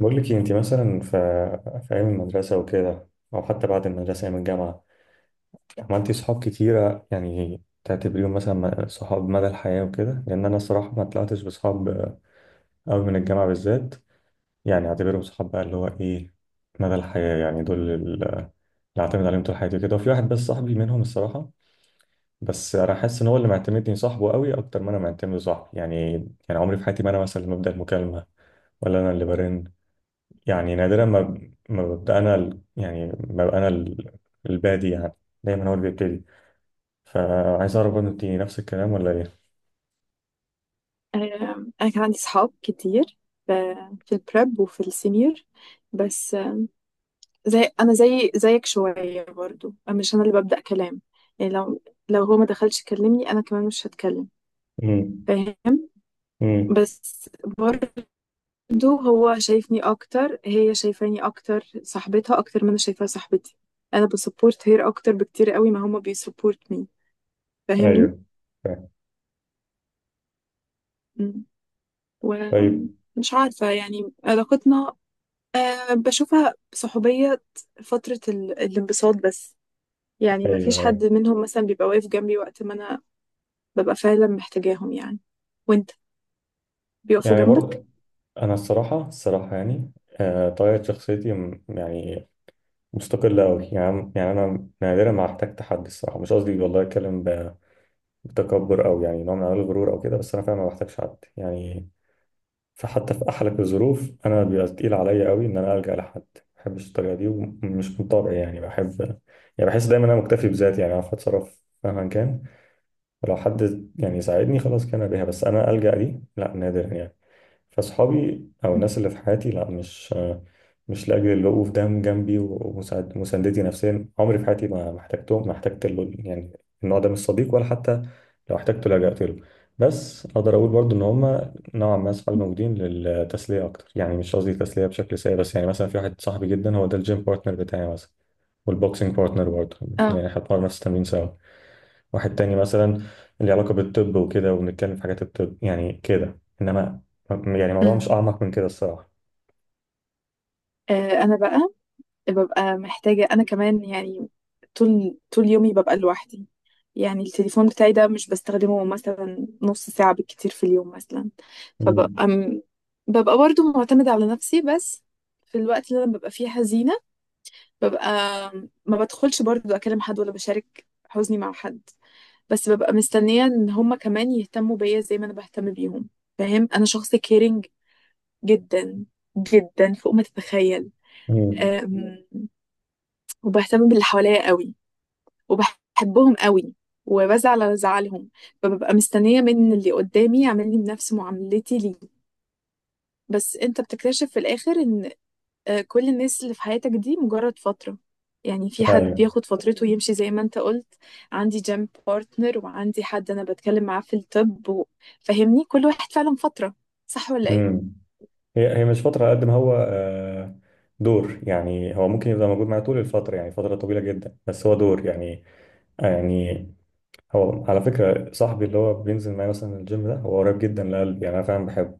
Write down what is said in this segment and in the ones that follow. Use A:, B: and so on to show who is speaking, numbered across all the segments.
A: بقول لك إيه، انت مثلا في ايام المدرسه وكده، او حتى بعد المدرسه ايام الجامعه، عملتي صحاب كتيره يعني تعتبريهم مثلا صحاب مدى الحياه وكده؟ لان انا الصراحه ما طلعتش بصحاب قوي من الجامعه بالذات، يعني اعتبرهم صحاب بقى اللي هو ايه، مدى الحياه، يعني دول اللي اعتمد عليهم طول حياتي كده، وفي واحد بس صاحبي منهم الصراحه، بس انا حاسس ان هو اللي معتمدني صاحبه قوي اكتر ما انا معتمد صاحبي يعني. يعني عمري في حياتي ما انا مثلا اللي ببدا المكالمه، ولا انا اللي برن، يعني نادرا ما ب- ما ببقى انا ال- يعني ما ببقى انا البادي يعني، دايما هو اللي بيبتدي. فعايز اعرف برضه، انت نفس الكلام ولا ايه؟
B: أنا كان عندي صحاب كتير في البريب وفي السينيور، بس زي أنا زي زيك شوية برضو. أنا مش أنا اللي ببدأ كلام. يعني لو هو ما دخلش يكلمني أنا كمان مش هتكلم.
A: امم.
B: فاهم؟
A: امم.
B: بس برضو هو شايفني أكتر، هي شايفاني أكتر، صاحبتها أكتر ما أنا شايفاها صاحبتي. أنا بسبورت هير أكتر بكتير قوي ما هما بيسبورت مي. فاهمني؟
A: ايوه، فاهم.
B: مم.
A: طيب.
B: ومش عارفة يعني علاقتنا. أه، بشوفها صحوبية فترة الانبساط بس. يعني ما
A: ايوه،
B: فيش
A: ايوه.
B: حد منهم مثلا بيبقى واقف جنبي وقت ما أنا ببقى فعلا محتاجاهم، يعني. وانت بيقفوا
A: يعني
B: جنبك.
A: برضه انا الصراحه الصراحه يعني، طبيعه شخصيتي يعني مستقله قوي يعني، يعني انا نادرا ما احتاج حد الصراحه، مش قصدي والله اتكلم بتكبر او يعني نوع من انواع الغرور او كده، بس انا فعلا ما بحتاجش حد يعني. فحتى في أحلك الظروف أنا بيبقى تقيل عليا قوي إن أنا ألجأ لحد، ما بحبش الطريقة دي ومش من طبعي، يعني بحب، يعني بحس دايما أنا مكتفي بذاتي، يعني أعرف أتصرف مهما كان. فلو حد يعني يساعدني خلاص كان بيها، بس انا ألجأ دي لا، نادرا يعني. فاصحابي او
B: مم.
A: الناس اللي في حياتي لا، مش مش لاجل الوقوف ده جنبي ومساندتي نفسيا، عمري في حياتي ما احتجتهم، ما احتجت يعني النوع ده من الصديق، ولا حتى لو احتجته لجأت له. بس اقدر اقول برضو ان هم نوعا ما اصحابي موجودين للتسليه اكتر، يعني مش قصدي تسليه بشكل سيء، بس يعني مثلا في واحد صاحبي جدا هو ده الجيم بارتنر بتاعي مثلا، والبوكسينج بارتنر برضه، يعني
B: اه.
A: احنا بنتمرن نفس التمرين سوا. واحد تاني مثلا اللي علاقة بالطب وكده وبنتكلم في حاجات الطب يعني كده، انما يعني الموضوع مش
B: أمم.
A: اعمق من كده الصراحة.
B: انا بقى ببقى محتاجه انا كمان يعني. طول طول يومي ببقى لوحدي. يعني التليفون بتاعي ده مش بستخدمه مثلا نص ساعه بالكتير في اليوم مثلا.
A: مم.
B: فببقى ببقى برضو معتمده على نفسي. بس في الوقت اللي انا ببقى فيه حزينه، ببقى ما بدخلش برضو اكلم حد ولا بشارك حزني مع حد. بس ببقى مستنية ان هما كمان يهتموا بيا زي ما انا بهتم بيهم. فاهم؟ انا شخص كيرنج جدا، جدا فوق ما تتخيل.
A: مم.
B: أم، وبهتم باللي حواليا قوي، وبحبهم قوي، وبزعل على زعلهم. فببقى مستنية من اللي قدامي يعمل لي بنفس معاملتي ليه. بس انت بتكتشف في الاخر ان كل الناس اللي في حياتك دي مجرد فترة. يعني في حد
A: ايوه.
B: بياخد فترته ويمشي زي ما انت قلت. عندي جيم بارتنر وعندي حد انا بتكلم معاه في الطب فاهمني، كل واحد فعلا فترة. صح ولا ايه؟
A: مم. هي هي مش فترة قد ما هو دور يعني، هو ممكن يبقى موجود معايا طول الفترة، يعني فترة طويلة جدا، بس هو دور يعني، يعني هو على فكرة صاحبي اللي هو بينزل معايا مثلا الجيم ده هو قريب جدا لقلبي، يعني انا فعلا بحبه،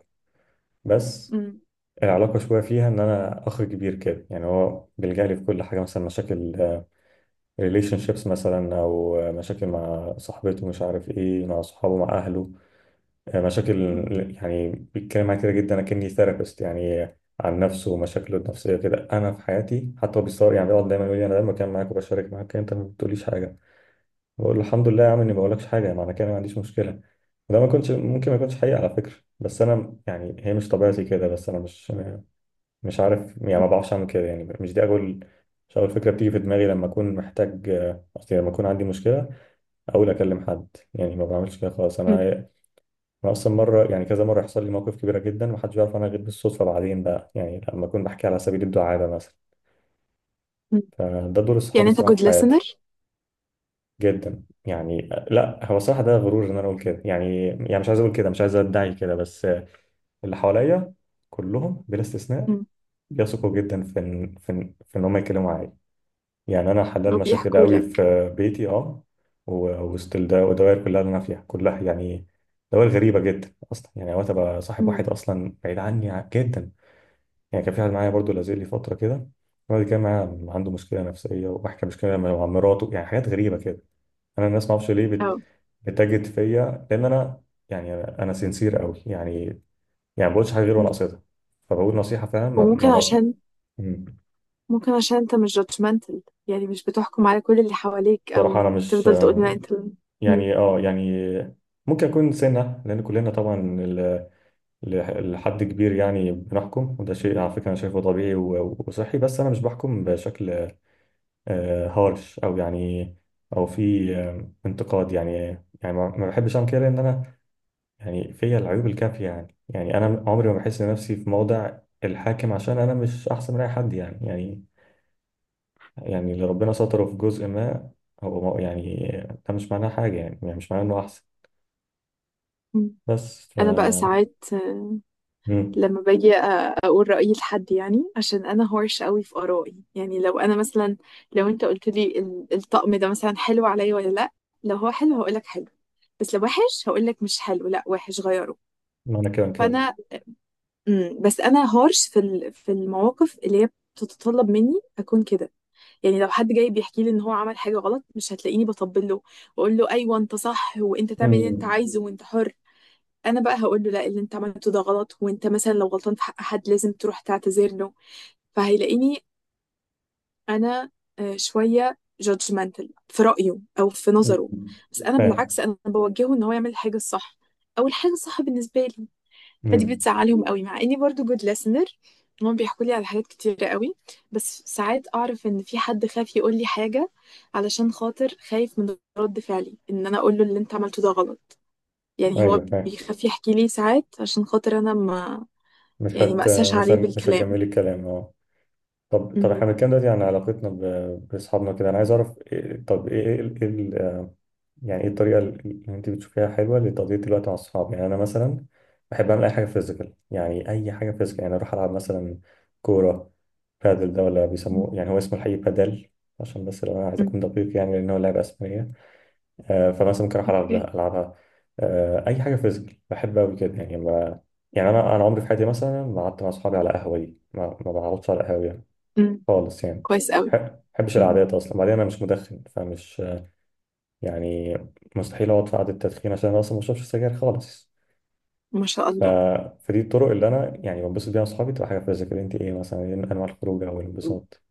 A: بس
B: مم.
A: العلاقة شوية فيها إن أنا أخ كبير كده، يعني هو بيلجأ لي في كل حاجة، مثلا مشاكل ريليشن شيبس مثلا، او مشاكل مع صاحبته مش عارف ايه، مع صحابه، مع اهله، مشاكل،
B: مم.
A: يعني بيتكلم معايا كده جدا اكني ثيرابيست يعني، عن نفسه ومشاكله النفسيه كده. انا في حياتي حتى هو بيصور يعني، بيقعد دايما يقول لي انا دايما بتكلم معاك وبشارك معاك، انت ما بتقوليش حاجه. بقول له الحمد لله يا عم، اني ما بقولكش حاجه معنى كده ما عنديش مشكله. وده ما كنتش ممكن ما يكونش حقيقي على فكره، بس انا يعني هي مش طبيعتي كده. بس انا مش مش عارف يعني، ما بعرفش اعمل كده، يعني مش دي اول، مش اول فكره بتيجي في دماغي لما اكون محتاج، قصدي لما اكون عندي مشكله اقول اكلم حد، يعني ما بعملش كده خالص انا.
B: مم.
A: انا اصلا مره يعني كذا مره يحصل لي موقف كبيره جدا ومحدش بيعرف عنها غير بالصدفه بعدين بقى، يعني لما اكون بحكي على سبيل الدعابه مثلا.
B: مم.
A: فده دور الصحاب
B: يعني انت
A: الصراحه
B: جود
A: في حياتي.
B: listener.
A: جدا يعني، لا هو الصراحه ده غرور ان انا اقول كده يعني، يعني مش عايز اقول كده، مش عايز ادعي كده، بس اللي حواليا كلهم بلا استثناء
B: مم.
A: بيثقوا جدا في ان في ان في إن هم يتكلموا معايا، يعني انا حلال مشاكل
B: وبيحكوا
A: قوي
B: لك.
A: في بيتي، اه، وسط الدوائر كلها اللي انا فيها كلها يعني، دوائر غريبه جدا اصلا، يعني اوقات ابقى صاحب
B: مم.
A: واحد اصلا بعيد عني جدا. يعني كان في واحد معايا برضو لازلي فتره كده، الراجل كان معايا عنده مشكله نفسيه وبحكي مشكله مع مراته، يعني حاجات غريبه كده. انا الناس ما اعرفش ليه
B: اه.
A: بتجد فيا، لان انا يعني أنا سنسير قوي يعني، يعني ما بقولش حاجه غير وانا
B: مم.
A: قصدها، فبقول نصيحه، فاهم ما
B: وممكن
A: ما ب...
B: عشان
A: مم.
B: ممكن عشان انت مش judgmental. يعني مش بتحكم على كل اللي حواليك او
A: صراحه انا مش،
B: تفضل تقول لا انت. مم.
A: يعني اه يعني ممكن يكون سنة، لأن كلنا طبعا ال- لحد كبير يعني بنحكم، وده شيء على فكرة أنا شايفه طبيعي وصحي، بس أنا مش بحكم بشكل هارش أو يعني أو في انتقاد يعني، يعني ما بحبش أعمل كده، لأن أنا يعني فيا العيوب الكافية يعني، يعني أنا عمري ما بحس نفسي في موضع الحاكم، عشان أنا مش أحسن من أي حد يعني، يعني يعني اللي ربنا ستره في جزء ما، هو يعني ده مش معناه حاجة يعني, يعني مش معناه إنه أحسن.
B: مم.
A: بس ف
B: انا بقى ساعات
A: مم.
B: لما باجي اقول رايي لحد، يعني عشان انا هورش قوي في ارائي. يعني لو انا مثلا لو انت قلت لي الطقم ده مثلا حلو عليا ولا لا، لو هو حلو هقول لك حلو، بس لو وحش هقول لك مش حلو، لا وحش غيره.
A: معنى كده كده.
B: فانا. مم. بس انا هورش في المواقف اللي هي بتتطلب مني اكون كده. يعني لو حد جاي بيحكي لي ان هو عمل حاجه غلط مش هتلاقيني بطبل له، واقول له ايوه انت صح وانت تعمل اللي انت
A: مم.
B: عايزه وانت حر. انا بقى هقول له لا، اللي انت عملته ده غلط، وانت مثلا لو غلطان في حق حد لازم تروح تعتذر له. فهيلاقيني انا شويه جادجمنتال في رايه او في نظره.
A: مم.
B: بس انا
A: فاهم.
B: بالعكس انا بوجهه ان هو يعمل الحاجه الصح، او الحاجه الصح بالنسبه لي. فدي
A: مم.
B: بتزعلهم قوي مع اني برضو جود ليسنر. هم بيحكوا لي على حاجات كتيرة قوي. بس ساعات اعرف ان في حد خايف يقول لي حاجه، علشان خاطر خايف من رد فعلي ان انا اقول له اللي انت عملته ده غلط. يعني هو
A: ايوه، فاهم.
B: بيخاف يحكي لي ساعات عشان خاطر انا ما،
A: مش
B: يعني ما
A: هت
B: اساش
A: مش
B: عليه
A: هن- مش
B: بالكلام.
A: هتجملي الكلام، اه. طب، احنا
B: مهم.
A: بنتكلم دلوقتي عن علاقتنا باصحابنا كده، انا عايز اعرف إيه، طب ايه يعني ايه الطريقه اللي انت بتشوفيها حلوه لتقضيه الوقت مع الصحاب؟ يعني انا مثلا بحب اعمل اي حاجه فيزيكال، يعني اي حاجه فيزيكال، يعني اروح العب مثلا كوره، بادل، ده ولا
B: مم.
A: بيسموه يعني هو اسمه الحقيقي بادل، عشان بس لو انا عايز اكون
B: مم.
A: دقيق يعني، لان هو لعبه اسبانيه. فمثلا ممكن اروح العب
B: اوكي.
A: العبها. اي حاجه فيزيكال بحب قوي كده يعني ما، يعني انا عمري في حياتي مثلا ما قعدت مع اصحابي على قهوه، دي ما بقعدش على قهوه يعني
B: مم.
A: خالص يعني،
B: كويس قوي.
A: ما بحبش
B: مم.
A: القعدات اصلا، بعدين انا مش مدخن فمش يعني مستحيل اقعد في قعده تدخين، عشان انا اصلا ما بشربش سجاير خالص.
B: ما شاء
A: ف...
B: الله.
A: فدي الطرق اللي انا يعني بنبسط بيها مع اصحابي، تبقى حاجه فيزيكال. انت ايه مثلا، ايه انواع الخروج او
B: مم.
A: الانبساط؟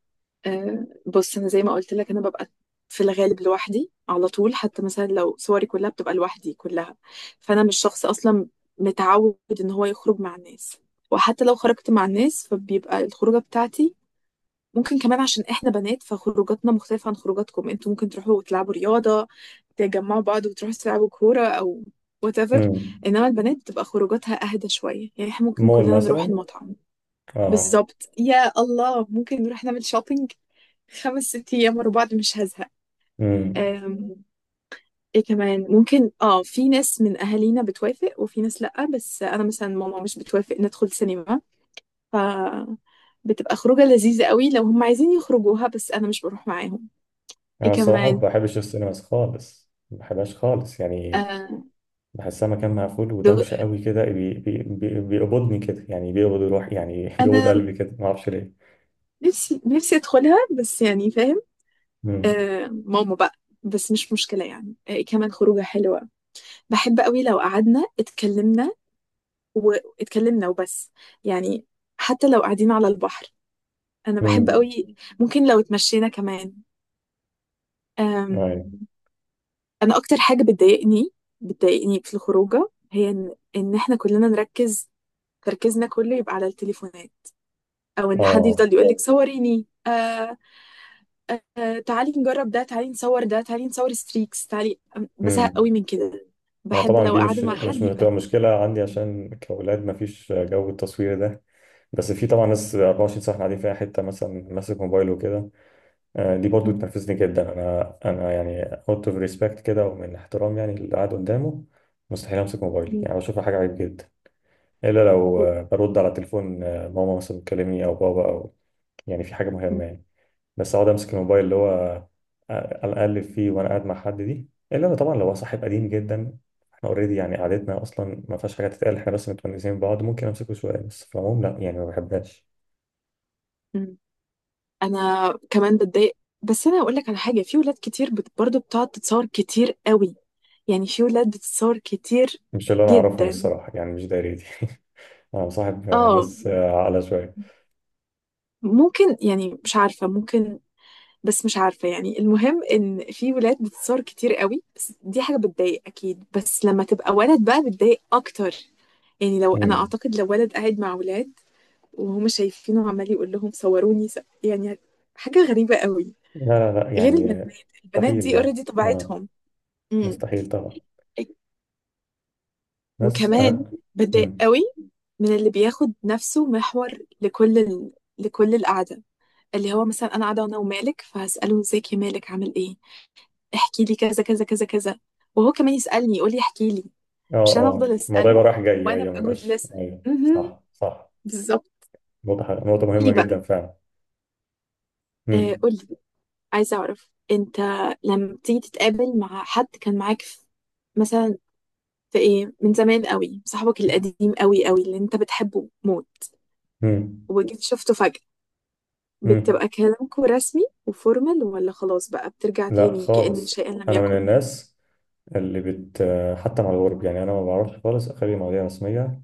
B: آه، بص انا زي ما قلت لك انا ببقى في الغالب لوحدي على طول. حتى مثلا لو صوري كلها بتبقى لوحدي كلها. فانا مش شخص اصلا متعود ان هو يخرج مع الناس. وحتى لو خرجت مع الناس فبيبقى الخروجه بتاعتي ممكن كمان عشان احنا بنات، فخروجاتنا مختلفة عن خروجاتكم. انتوا ممكن تروحوا تلعبوا رياضة، تجمعوا بعض وتروحوا تلعبوا كورة او whatever.
A: امم.
B: انما البنات بتبقى خروجاتها اهدى شوية. يعني احنا ممكن
A: مول
B: كلنا نروح
A: مثلا.
B: المطعم.
A: اه.
B: بالظبط، يا الله ممكن نروح نعمل شوبينج 5 6 ايام ورا بعض مش هزهق.
A: امم.
B: أم، ايه كمان ممكن؟ اه، في ناس من اهالينا بتوافق وفي ناس لأ، بس انا مثلا ماما مش بتوافق ندخل سينما. ف بتبقى خروجة لذيذة قوي لو هم عايزين يخرجوها بس انا مش بروح معاهم. ايه
A: انا الصراحه ما
B: كمان؟
A: بحبش السينماز خالص، ما بحبهاش خالص يعني،
B: آه،
A: بحسها مكان مقفول
B: دغ...
A: ودوشه قوي كده، بي بي بي بيقبضني كده، يعني بيقبض روحي يعني بيقبض
B: انا
A: قلبي كده، ما اعرفش ليه.
B: نفسي نفسي ادخلها بس، يعني فاهم.
A: امم.
B: آه، ماما بقى. بس مش مشكلة يعني. ايه كمان خروجة حلوة؟ بحب قوي لو قعدنا اتكلمنا واتكلمنا وبس، يعني حتى لو قاعدين على البحر انا بحب
A: امم.
B: قوي. ممكن لو اتمشينا كمان. آم...
A: ايوه.
B: انا اكتر حاجة بتضايقني في الخروجة هي ان إن احنا كلنا نركز، تركيزنا كله يبقى على التليفونات، او ان حد
A: اه.
B: يفضل يقول لك صوريني، تعالي نجرب ده، تعالي نصور ده، تعالي نصور ستريكس، تعالي بزهق
A: امم.
B: قوي من كده.
A: انا
B: بحب
A: طبعا
B: لو
A: دي
B: قاعدة مع
A: مش
B: حد يبقى.
A: بتبقى مشكله عندي، عشان كاولاد ما فيش جو التصوير ده، بس في طبعا ناس 24 ساعه قاعدين في اي حته مثلا ماسك موبايله وكده. دي برضو
B: م-
A: تنرفزني جدا، انا يعني اوت اوف ريسبكت كده، ومن احترام يعني اللي قاعد قدامه، مستحيل امسك موبايلي،
B: م-
A: يعني بشوفها حاجه عيب جدا، الا لو برد على تليفون ماما مثلا بتكلمني او بابا، او يعني في حاجه
B: م-
A: مهمه يعني. بس اقعد امسك الموبايل اللي هو، اقلب فيه وانا قاعد مع حد، دي الا لو طبعا لو هو صاحب قديم جدا، احنا اوريدي يعني قعدتنا اصلا ما فيهاش حاجه تتقال، احنا بس متونسين ببعض، ممكن امسكه شويه، بس في العموم لا يعني ما بحبهاش.
B: م- انا كمان بتضايق. بس انا هقول لك على حاجة، في ولاد كتير برضو بتقعد تتصور كتير قوي. يعني في ولاد بتتصور كتير
A: مش اللي انا اعرفهم
B: جدا.
A: الصراحه يعني، مش دايرتي أنا مصاحب
B: اه
A: ناس عاقلة شوية.
B: ممكن، يعني مش عارفة ممكن. بس مش عارفة، يعني المهم إن في ولاد بتتصور كتير قوي، بس دي حاجة بتضايق أكيد، بس لما تبقى ولد بقى بتضايق أكتر. يعني لو أنا
A: مم.
B: أعتقد لو ولد قاعد مع ولاد وهم شايفينه عمال يقول لهم صوروني يعني حاجة غريبة قوي.
A: لا، لا، لا
B: غير البنات،
A: يعني،
B: البنات
A: مستحيل،
B: دي
A: لا.
B: اوريدي
A: آه.
B: طبيعتهم. امم.
A: مستحيل طبعا. ناس
B: وكمان
A: أنا.
B: بتضايق
A: مم.
B: قوي من اللي بياخد نفسه محور لكل لكل القعدة. اللي هو مثلا أنا قاعدة أنا ومالك، فهسأله ازيك يا مالك، عامل إيه، احكي لي كذا كذا كذا كذا، وهو كمان يسألني يقول لي احكي لي،
A: آه،
B: مش انا
A: آه،
B: افضل
A: الموضوع يبقى
B: اسأله
A: رايح جاي،
B: وانا
A: أيوه، ما
B: ابقى جود
A: يبقاش،
B: لسن.
A: أيوه، صح، صح.
B: بالظبط.
A: نقطة حلوة. نقطة مهمة
B: قولي بقى.
A: جدا فعلا. مم.
B: قولي، عايزة اعرف انت لما بتيجي تتقابل مع حد كان معاك في مثلا، في ايه من زمان قوي، صاحبك القديم قوي قوي اللي انت بتحبه موت،
A: مم.
B: وجيت شفته فجأة،
A: مم.
B: بتبقى كلامكوا رسمي وفورمال ولا خلاص بقى بترجع
A: لا
B: تاني كأن
A: خالص،
B: شيئا لم
A: أنا من
B: يكن؟
A: الناس اللي حتى مع الغرب يعني، أنا ما بعرفش خالص أخلي مواضيع رسمية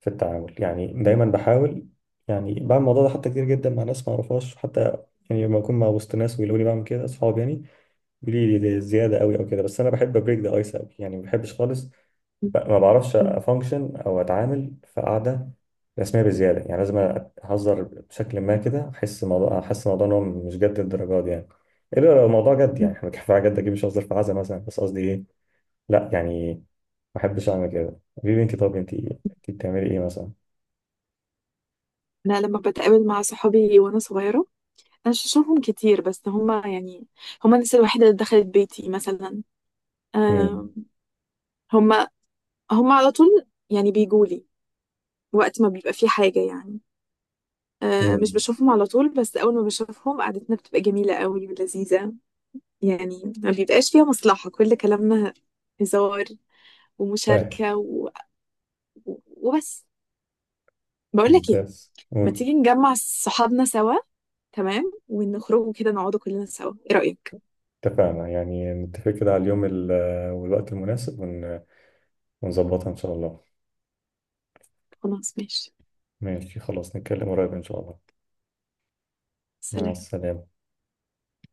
A: في التعامل، يعني دايما
B: م-
A: بحاول، يعني بعمل الموضوع ده حتى كتير جدا مع ناس ما اعرفهاش حتى، يعني لما اكون مع وسط ناس ويقولوا لي بعمل كده اصحابي يعني بيقولوا لي دي زياده قوي او كده، بس انا بحب ابريك ذا ايس قوي يعني، ما بحبش خالص
B: م-
A: ما بعرفش
B: م-
A: افانكشن او اتعامل في قعده رسميه بزياده، يعني لازم اهزر بشكل ما كده، احس الموضوع، احس الموضوع ان هو مش جد الدرجات دي يعني. الا لو الموضوع جد يعني،
B: م.
A: احنا كفايه جد، اكيد مش ههزر في عزا مثلا، بس قصدي ايه، لا يعني ما بحبش اعمل كده. حبيبي انت، طب انت، إنت بتعملي ايه مثلا؟
B: انا لما بتقابل مع صحابي وانا صغيرة، انا مش بشوفهم كتير بس هما يعني هما الناس الوحيده اللي دخلت بيتي مثلا.
A: امم.
B: آم، هما هما على طول يعني بيجولي وقت ما بيبقى في حاجه، يعني مش
A: امم.
B: بشوفهم على طول بس اول ما بشوفهم قعدتنا بتبقى جميله قوي ولذيذه. يعني ما بيبقاش فيها مصلحه، كل كلامنا هزار
A: فاهم.
B: ومشاركه وبس. بقول لك ايه،
A: ممتاز،
B: ما
A: قول.
B: تيجي نجمع صحابنا سوا تمام ونخرجوا كده نقعدوا كلنا سوا، ايه رايك؟
A: اتفقنا، يعني نتفق كده على اليوم والوقت المناسب ونظبطها إن شاء الله.
B: خلاص ماشي.
A: ماشي، خلاص، نتكلم قريب إن شاء الله. مع
B: سلام.
A: السلامة.